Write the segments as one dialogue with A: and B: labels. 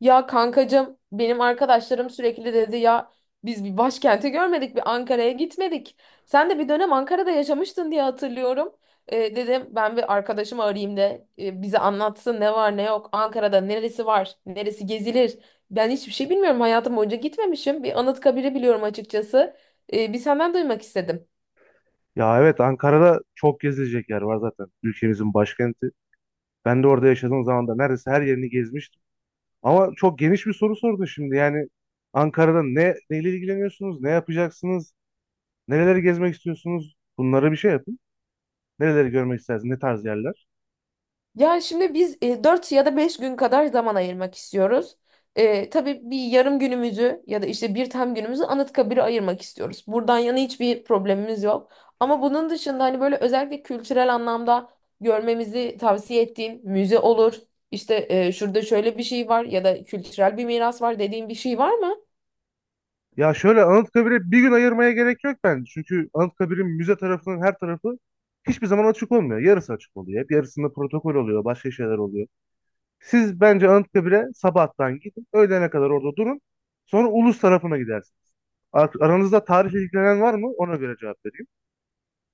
A: Ya kankacığım benim arkadaşlarım sürekli dedi ya biz bir başkenti görmedik bir Ankara'ya gitmedik. Sen de bir dönem Ankara'da yaşamıştın diye hatırlıyorum. Dedim ben bir arkadaşımı arayayım da bize anlatsın ne var ne yok. Ankara'da neresi var neresi gezilir. Ben hiçbir şey bilmiyorum hayatım boyunca gitmemişim. Bir Anıtkabir'i biliyorum açıkçası. Bir senden duymak istedim.
B: Ya evet Ankara'da çok gezilecek yer var zaten ülkemizin başkenti. Ben de orada yaşadığım zaman da neredeyse her yerini gezmiştim. Ama çok geniş bir soru sordun şimdi. Yani Ankara'da ne neyle ilgileniyorsunuz? Ne yapacaksınız? Nereleri gezmek istiyorsunuz? Bunlara bir şey yapın. Nereleri görmek istersiniz? Ne tarz yerler?
A: Ya şimdi biz 4 ya da 5 gün kadar zaman ayırmak istiyoruz. Tabii bir yarım günümüzü ya da işte bir tam günümüzü Anıtkabir'e ayırmak istiyoruz. Buradan yana hiçbir problemimiz yok. Ama bunun dışında hani böyle özellikle kültürel anlamda görmemizi tavsiye ettiğin müze olur işte şurada şöyle bir şey var ya da kültürel bir miras var dediğin bir şey var mı?
B: Ya şöyle, Anıtkabir'e bir gün ayırmaya gerek yok bence. Çünkü Anıtkabir'in müze tarafının her tarafı hiçbir zaman açık olmuyor. Yarısı açık oluyor. Hep yarısında protokol oluyor. Başka şeyler oluyor. Siz bence Anıtkabir'e sabahtan gidin. Öğlene kadar orada durun. Sonra Ulus tarafına gidersiniz. Aranızda tarihle ilgilenen var mı? Ona göre cevap vereyim.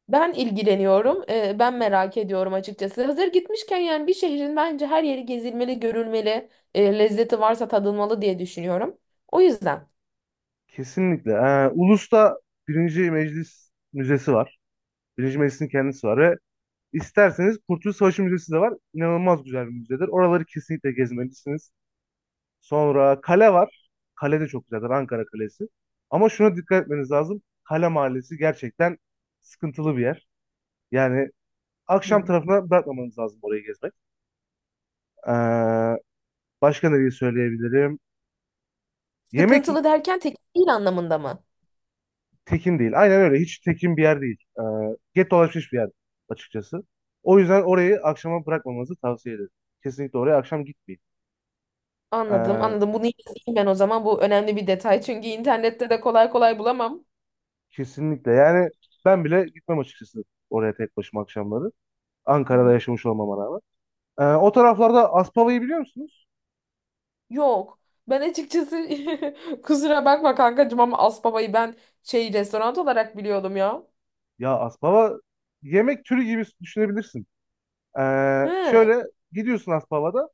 A: Ben ilgileniyorum. Ben merak ediyorum açıkçası. Hazır gitmişken yani bir şehrin bence her yeri gezilmeli, görülmeli, lezzeti varsa tadılmalı diye düşünüyorum. O yüzden.
B: Kesinlikle. Ulus'ta Birinci Meclis Müzesi var. Birinci Meclis'in kendisi var ve isterseniz Kurtuluş Savaşı Müzesi de var. İnanılmaz güzel bir müzedir. Oraları kesinlikle gezmelisiniz. Sonra kale var. Kale de çok güzeldir. Ankara Kalesi. Ama şuna dikkat etmeniz lazım. Kale Mahallesi gerçekten sıkıntılı bir yer. Yani akşam
A: Hmm.
B: tarafına bırakmamanız lazım orayı gezmek. Ee, Başka nereyi söyleyebilirim? Yemek
A: Sıkıntılı derken tekil değil anlamında mı?
B: tekin değil. Aynen öyle. Hiç tekin bir yer değil. Get dolaşmış bir yer açıkçası. O yüzden orayı akşama bırakmamanızı tavsiye ederim. Kesinlikle oraya akşam gitmeyin.
A: Anladım,
B: Ee,
A: anladım. Bunu yazayım ben o zaman. Bu önemli bir detay. Çünkü internette de kolay kolay bulamam.
B: Kesinlikle. Yani ben bile gitmem açıkçası oraya tek başıma akşamları.
A: Hı
B: Ankara'da
A: hı.
B: yaşamış olmama rağmen. O taraflarda Aspava'yı biliyor musunuz?
A: Yok. Ben açıkçası kusura bakma kankacığım ama Asbaba'yı ben şey restoran olarak biliyordum ya.
B: Ya Aspava yemek türü gibi düşünebilirsin.
A: Hı.
B: Şöyle, gidiyorsun Aspava'da.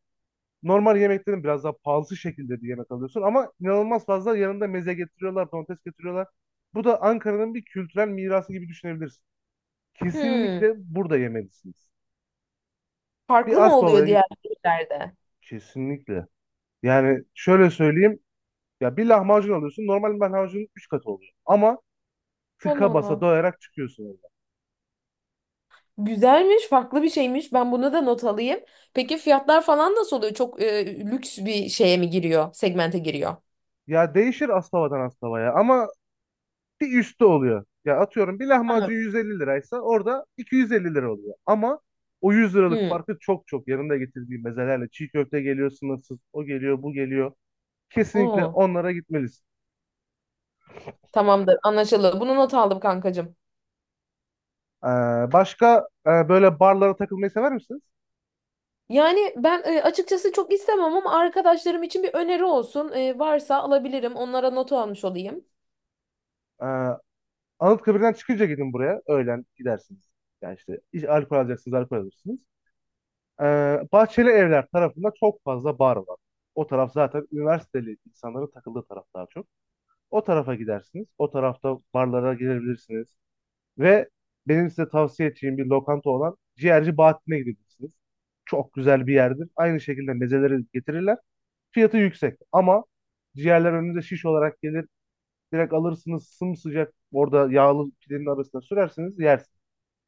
B: Normal yemeklerin biraz daha pahalı şekilde bir yemek alıyorsun ama inanılmaz fazla yanında meze getiriyorlar, domates getiriyorlar. Bu da Ankara'nın bir kültürel mirası gibi düşünebilirsin.
A: Hı.
B: Kesinlikle burada yemelisiniz.
A: Farklı
B: Bir
A: mı
B: Asbaba'ya
A: oluyor
B: git.
A: diğer yerlerde?
B: Kesinlikle. Yani şöyle söyleyeyim. Ya bir lahmacun alıyorsun. Normal lahmacunun 3 katı oluyor. Ama
A: Allah
B: tıka basa
A: Allah.
B: doyarak çıkıyorsun orada.
A: Güzelmiş, farklı bir şeymiş. Ben bunu da not alayım. Peki fiyatlar falan nasıl oluyor? Çok lüks bir şeye mi giriyor? Segmente giriyor.
B: Ya değişir Asbaba'dan Asbaba'ya ama bir üstü oluyor. Ya atıyorum bir
A: Tamam.
B: lahmacun 150 liraysa orada 250 lira oluyor. Ama o 100 liralık
A: Hı.
B: farkı çok çok yanında getirdiği mezelerle çiğ köfte geliyor sınırsız, o geliyor, bu geliyor. Kesinlikle
A: Oo.
B: onlara gitmelisin.
A: Tamamdır, anlaşıldı. Bunu not aldım kankacığım.
B: Ee, Başka, böyle barlara takılmayı sever misiniz?
A: Yani ben açıkçası çok istemem ama arkadaşlarım için bir öneri olsun. E, varsa alabilirim. Onlara not almış olayım.
B: Ee, Anıtkabir'den çıkınca gidin buraya. Öğlen gidersiniz. Yani işte alkol alacaksınız, alkol alırsınız. Ee, Bahçeli Evler tarafında çok fazla bar var. O taraf zaten üniversiteli insanların takıldığı taraf daha çok. O tarafa gidersiniz. O tarafta barlara girebilirsiniz. Ve benim size tavsiye edeceğim bir lokanta olan Ciğerci Bahattin'e gidebilirsiniz. Çok güzel bir yerdir. Aynı şekilde mezeleri getirirler. Fiyatı yüksek ama ciğerler önünüze şiş olarak gelir. Direkt alırsınız sımsıcak orada yağlı pidenin arasına sürersiniz yersiniz.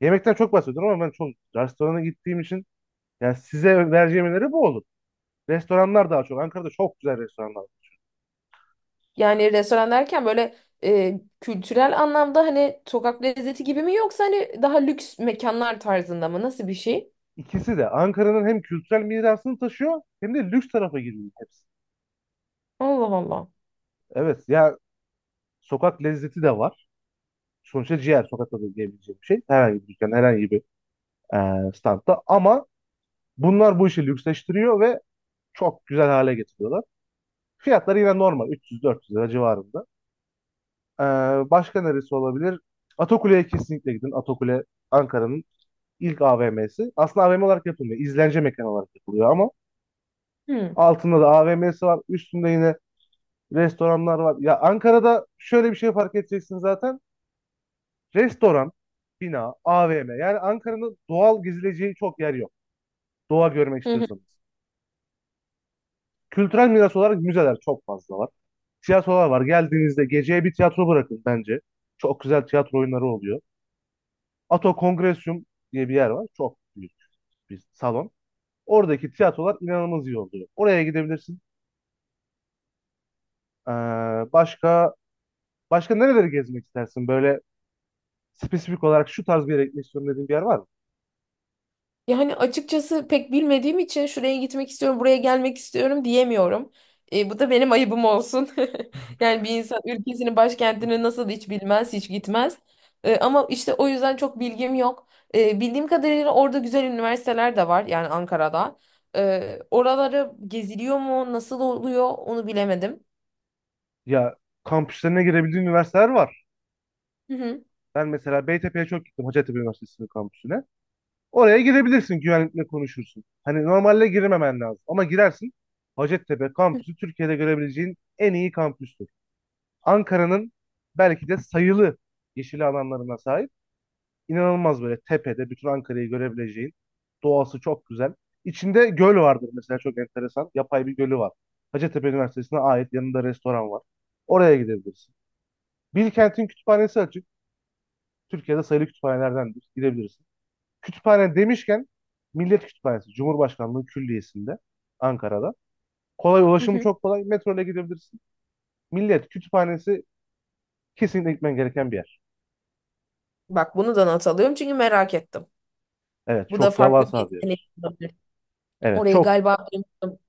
B: Yemekten çok bahsediyorum ama ben çok restorana gittiğim için yani size vereceğim öneri bu olur. Restoranlar daha çok. Ankara'da çok güzel restoranlar var.
A: Yani restoran derken böyle kültürel anlamda hani sokak lezzeti gibi mi yoksa hani daha lüks mekanlar tarzında mı? Nasıl bir şey?
B: İkisi de Ankara'nın hem kültürel mirasını taşıyor hem de lüks tarafa giriyor hepsi.
A: Allah Allah.
B: Evet ya, sokak lezzeti de var. Sonuçta ciğer sokakta da diyebileceğim bir şey. Herhangi bir dükkan, herhangi bir standta. Ama bunlar bu işi lüksleştiriyor ve çok güzel hale getiriyorlar. Fiyatları yine normal 300-400 lira civarında. Eee, Başka neresi olabilir? Atakule'ye kesinlikle gidin. Atakule Ankara'nın ilk AVM'si. Aslında AVM olarak yapılmıyor. İzlence mekanı olarak yapılıyor ama
A: Hmm.
B: altında da AVM'si var. Üstünde yine restoranlar var. Ya Ankara'da şöyle bir şey fark edeceksin zaten. Restoran, bina, AVM. Yani Ankara'nın doğal gezileceği çok yer yok. Doğa görmek
A: Hı.
B: istiyorsanız. Kültürel miras olarak müzeler çok fazla var. Tiyatrolar var. Geldiğinizde geceye bir tiyatro bırakın bence. Çok güzel tiyatro oyunları oluyor. Ato Kongresyum diye bir yer var. Çok büyük bir salon. Oradaki tiyatrolar inanılmaz iyi oluyor. Oraya gidebilirsin. Ee, başka başka nereleri gezmek istersin? Böyle spesifik olarak şu tarz bir yere gitmek istiyorum dediğin bir yer var mı?
A: Yani açıkçası pek bilmediğim için şuraya gitmek istiyorum, buraya gelmek istiyorum diyemiyorum. E, bu da benim ayıbım olsun. Yani bir insan ülkesinin başkentini nasıl hiç bilmez, hiç gitmez. E, ama işte o yüzden çok bilgim yok. E, bildiğim kadarıyla orada güzel üniversiteler de var yani Ankara'da. E, oraları geziliyor mu, nasıl oluyor onu bilemedim.
B: Ya, kampüslerine girebildiğin üniversiteler var.
A: Hı hı.
B: Ben mesela Beytepe'ye çok gittim, Hacettepe Üniversitesi'nin kampüsüne. Oraya girebilirsin, güvenlikle konuşursun. Hani normalde girememen lazım ama girersin. Hacettepe kampüsü Türkiye'de görebileceğin en iyi kampüstür. Ankara'nın belki de sayılı yeşil alanlarına sahip. İnanılmaz, böyle tepede bütün Ankara'yı görebileceğin. Doğası çok güzel. İçinde göl vardır mesela, çok enteresan. Yapay bir gölü var. Hacettepe Üniversitesi'ne ait yanında restoran var. Oraya gidebilirsin. Bilkent'in kütüphanesi açık. Türkiye'de sayılı kütüphanelerdendir. Gidebilirsin. Kütüphane demişken Millet Kütüphanesi Cumhurbaşkanlığı Külliyesi'nde, Ankara'da. Kolay,
A: Hı
B: ulaşımı
A: hı.
B: çok kolay. Metro ile gidebilirsin. Millet Kütüphanesi kesinlikle gitmen gereken bir yer.
A: Bak bunu da not alıyorum çünkü merak ettim.
B: Evet,
A: Bu da
B: çok
A: farklı
B: devasa
A: bir
B: bir
A: deneyim
B: yer.
A: olabilir.
B: Evet
A: Orayı
B: çok
A: galiba duymuştum.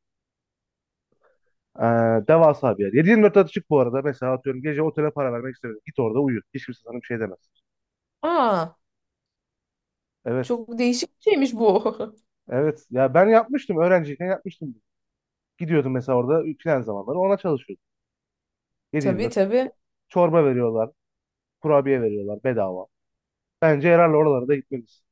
B: Devasa bir yer. 7-24 açık bu arada. Mesela atıyorum, gece otele para vermek istemiyorum. Git orada uyu. Hiç kimse sana bir şey demez.
A: Aa.
B: Evet.
A: Çok değişik bir şeymiş bu.
B: Evet. Ya ben yapmıştım. Öğrenciyken yapmıştım. Gidiyordum mesela orada plan zamanları. Ona çalışıyordum.
A: Tabii
B: 7-24.
A: tabii.
B: Çorba veriyorlar. Kurabiye veriyorlar bedava. Bence herhalde oralarda gitmeliyiz.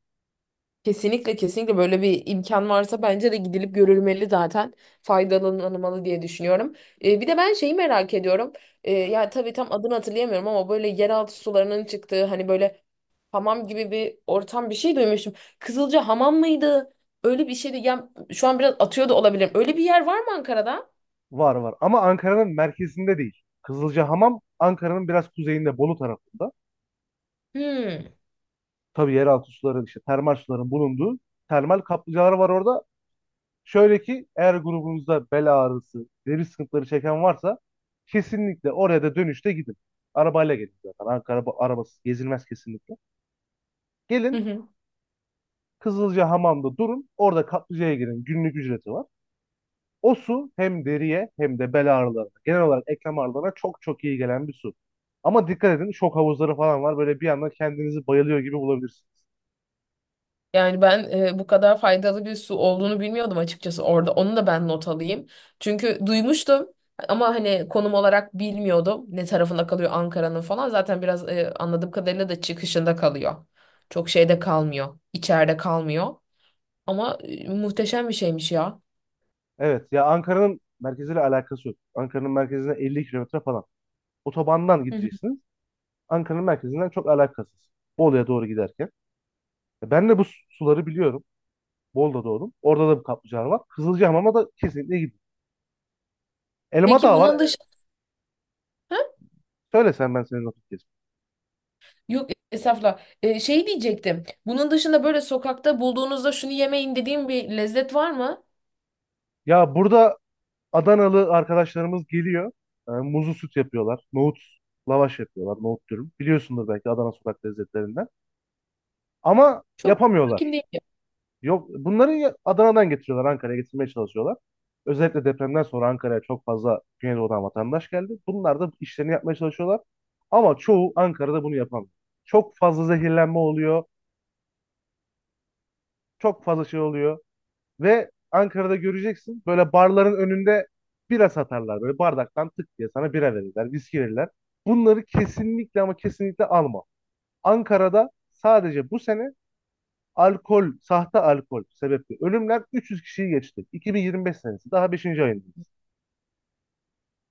A: Kesinlikle kesinlikle böyle bir imkan varsa bence de gidilip görülmeli zaten. Faydalanılmalı diye düşünüyorum. Bir de ben şeyi merak ediyorum. Ya tabii tam adını hatırlayamıyorum ama böyle yeraltı sularının çıktığı hani böyle hamam gibi bir ortam bir şey duymuştum. Kızılca hamam mıydı? Öyle bir şeydi. Ya şu an biraz atıyor da olabilirim. Öyle bir yer var mı Ankara'da?
B: Var var. Ama Ankara'nın merkezinde değil. Kızılcahamam Ankara'nın biraz kuzeyinde, Bolu tarafında.
A: Hmm.
B: Tabii yeraltı suların, işte termal suların bulunduğu termal kaplıcalar var orada. Şöyle ki, eğer grubunuzda bel ağrısı, deri sıkıntıları çeken varsa kesinlikle oraya da dönüşte gidin. Arabayla gelin zaten. Ankara arabasız gezilmez kesinlikle. Gelin Kızılcahamam'da durun. Orada kaplıcaya girin. Günlük ücreti var. O su hem deriye hem de bel ağrılarına, genel olarak eklem ağrılarına çok çok iyi gelen bir su. Ama dikkat edin, şok havuzları falan var. Böyle bir anda kendinizi bayılıyor gibi bulabilirsiniz.
A: Yani ben bu kadar faydalı bir su olduğunu bilmiyordum açıkçası orada. Onu da ben not alayım. Çünkü duymuştum ama hani konum olarak bilmiyordum ne tarafında kalıyor Ankara'nın falan. Zaten biraz anladığım kadarıyla da çıkışında kalıyor. Çok şeyde kalmıyor, içeride kalmıyor. Ama muhteşem bir şeymiş ya.
B: Evet ya, Ankara'nın merkeziyle alakası yok. Ankara'nın merkezine 50 kilometre falan. Otobandan
A: Hı hı.
B: gideceksiniz. Ankara'nın merkezinden çok alakasız. Bolu'ya doğru giderken. Ya ben de bu suları biliyorum. Bolu'da doğdum. Orada da bir kaplıcalar var. Kızılcahamam'a da kesinlikle gidin. Elma
A: Peki
B: Dağı var.
A: bunun
B: Evet.
A: dışında
B: Söyle sen, ben senin vakit geçireyim.
A: yok estağfurullah. E, şey diyecektim. Bunun dışında böyle sokakta bulduğunuzda şunu yemeyin dediğim bir lezzet var mı?
B: Ya burada Adanalı arkadaşlarımız geliyor. Muzlu süt yapıyorlar. Nohut lavaş yapıyorlar. Nohut dürüm. Biliyorsundur belki, Adana sokak lezzetlerinden. Ama
A: Çok hakim
B: yapamıyorlar.
A: değilim.
B: Yok, bunları Adana'dan getiriyorlar. Ankara'ya getirmeye çalışıyorlar. Özellikle depremden sonra Ankara'ya çok fazla Güneydoğu'dan vatandaş geldi. Bunlar da işlerini yapmaya çalışıyorlar. Ama çoğu Ankara'da bunu yapamıyor. Çok fazla zehirlenme oluyor. Çok fazla şey oluyor. Ve Ankara'da göreceksin, böyle barların önünde bira satarlar. Böyle bardaktan tık diye sana bira verirler, viski verirler. Bunları kesinlikle, ama kesinlikle alma. Ankara'da sadece bu sene alkol, sahte alkol sebeple ölümler 300 kişiyi geçti. 2025 senesi daha beşinci ayındayız.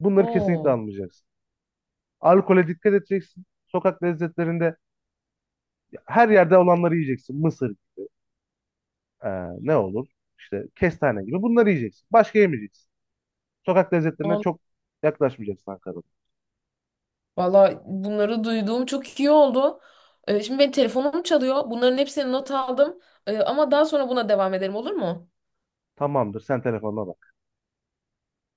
B: Bunları kesinlikle
A: Oo.
B: almayacaksın. Alkole dikkat edeceksin. Sokak lezzetlerinde her yerde olanları yiyeceksin. Mısır, e, ne olur? İşte kestane gibi bunları yiyeceksin. Başka yemeyeceksin. Sokak lezzetlerine çok yaklaşmayacaksın Ankara'da.
A: Valla bunları duyduğum çok iyi oldu. Şimdi benim telefonum çalıyor. Bunların hepsini not aldım. Ama daha sonra buna devam edelim olur mu?
B: Tamamdır. Sen telefonuna bak.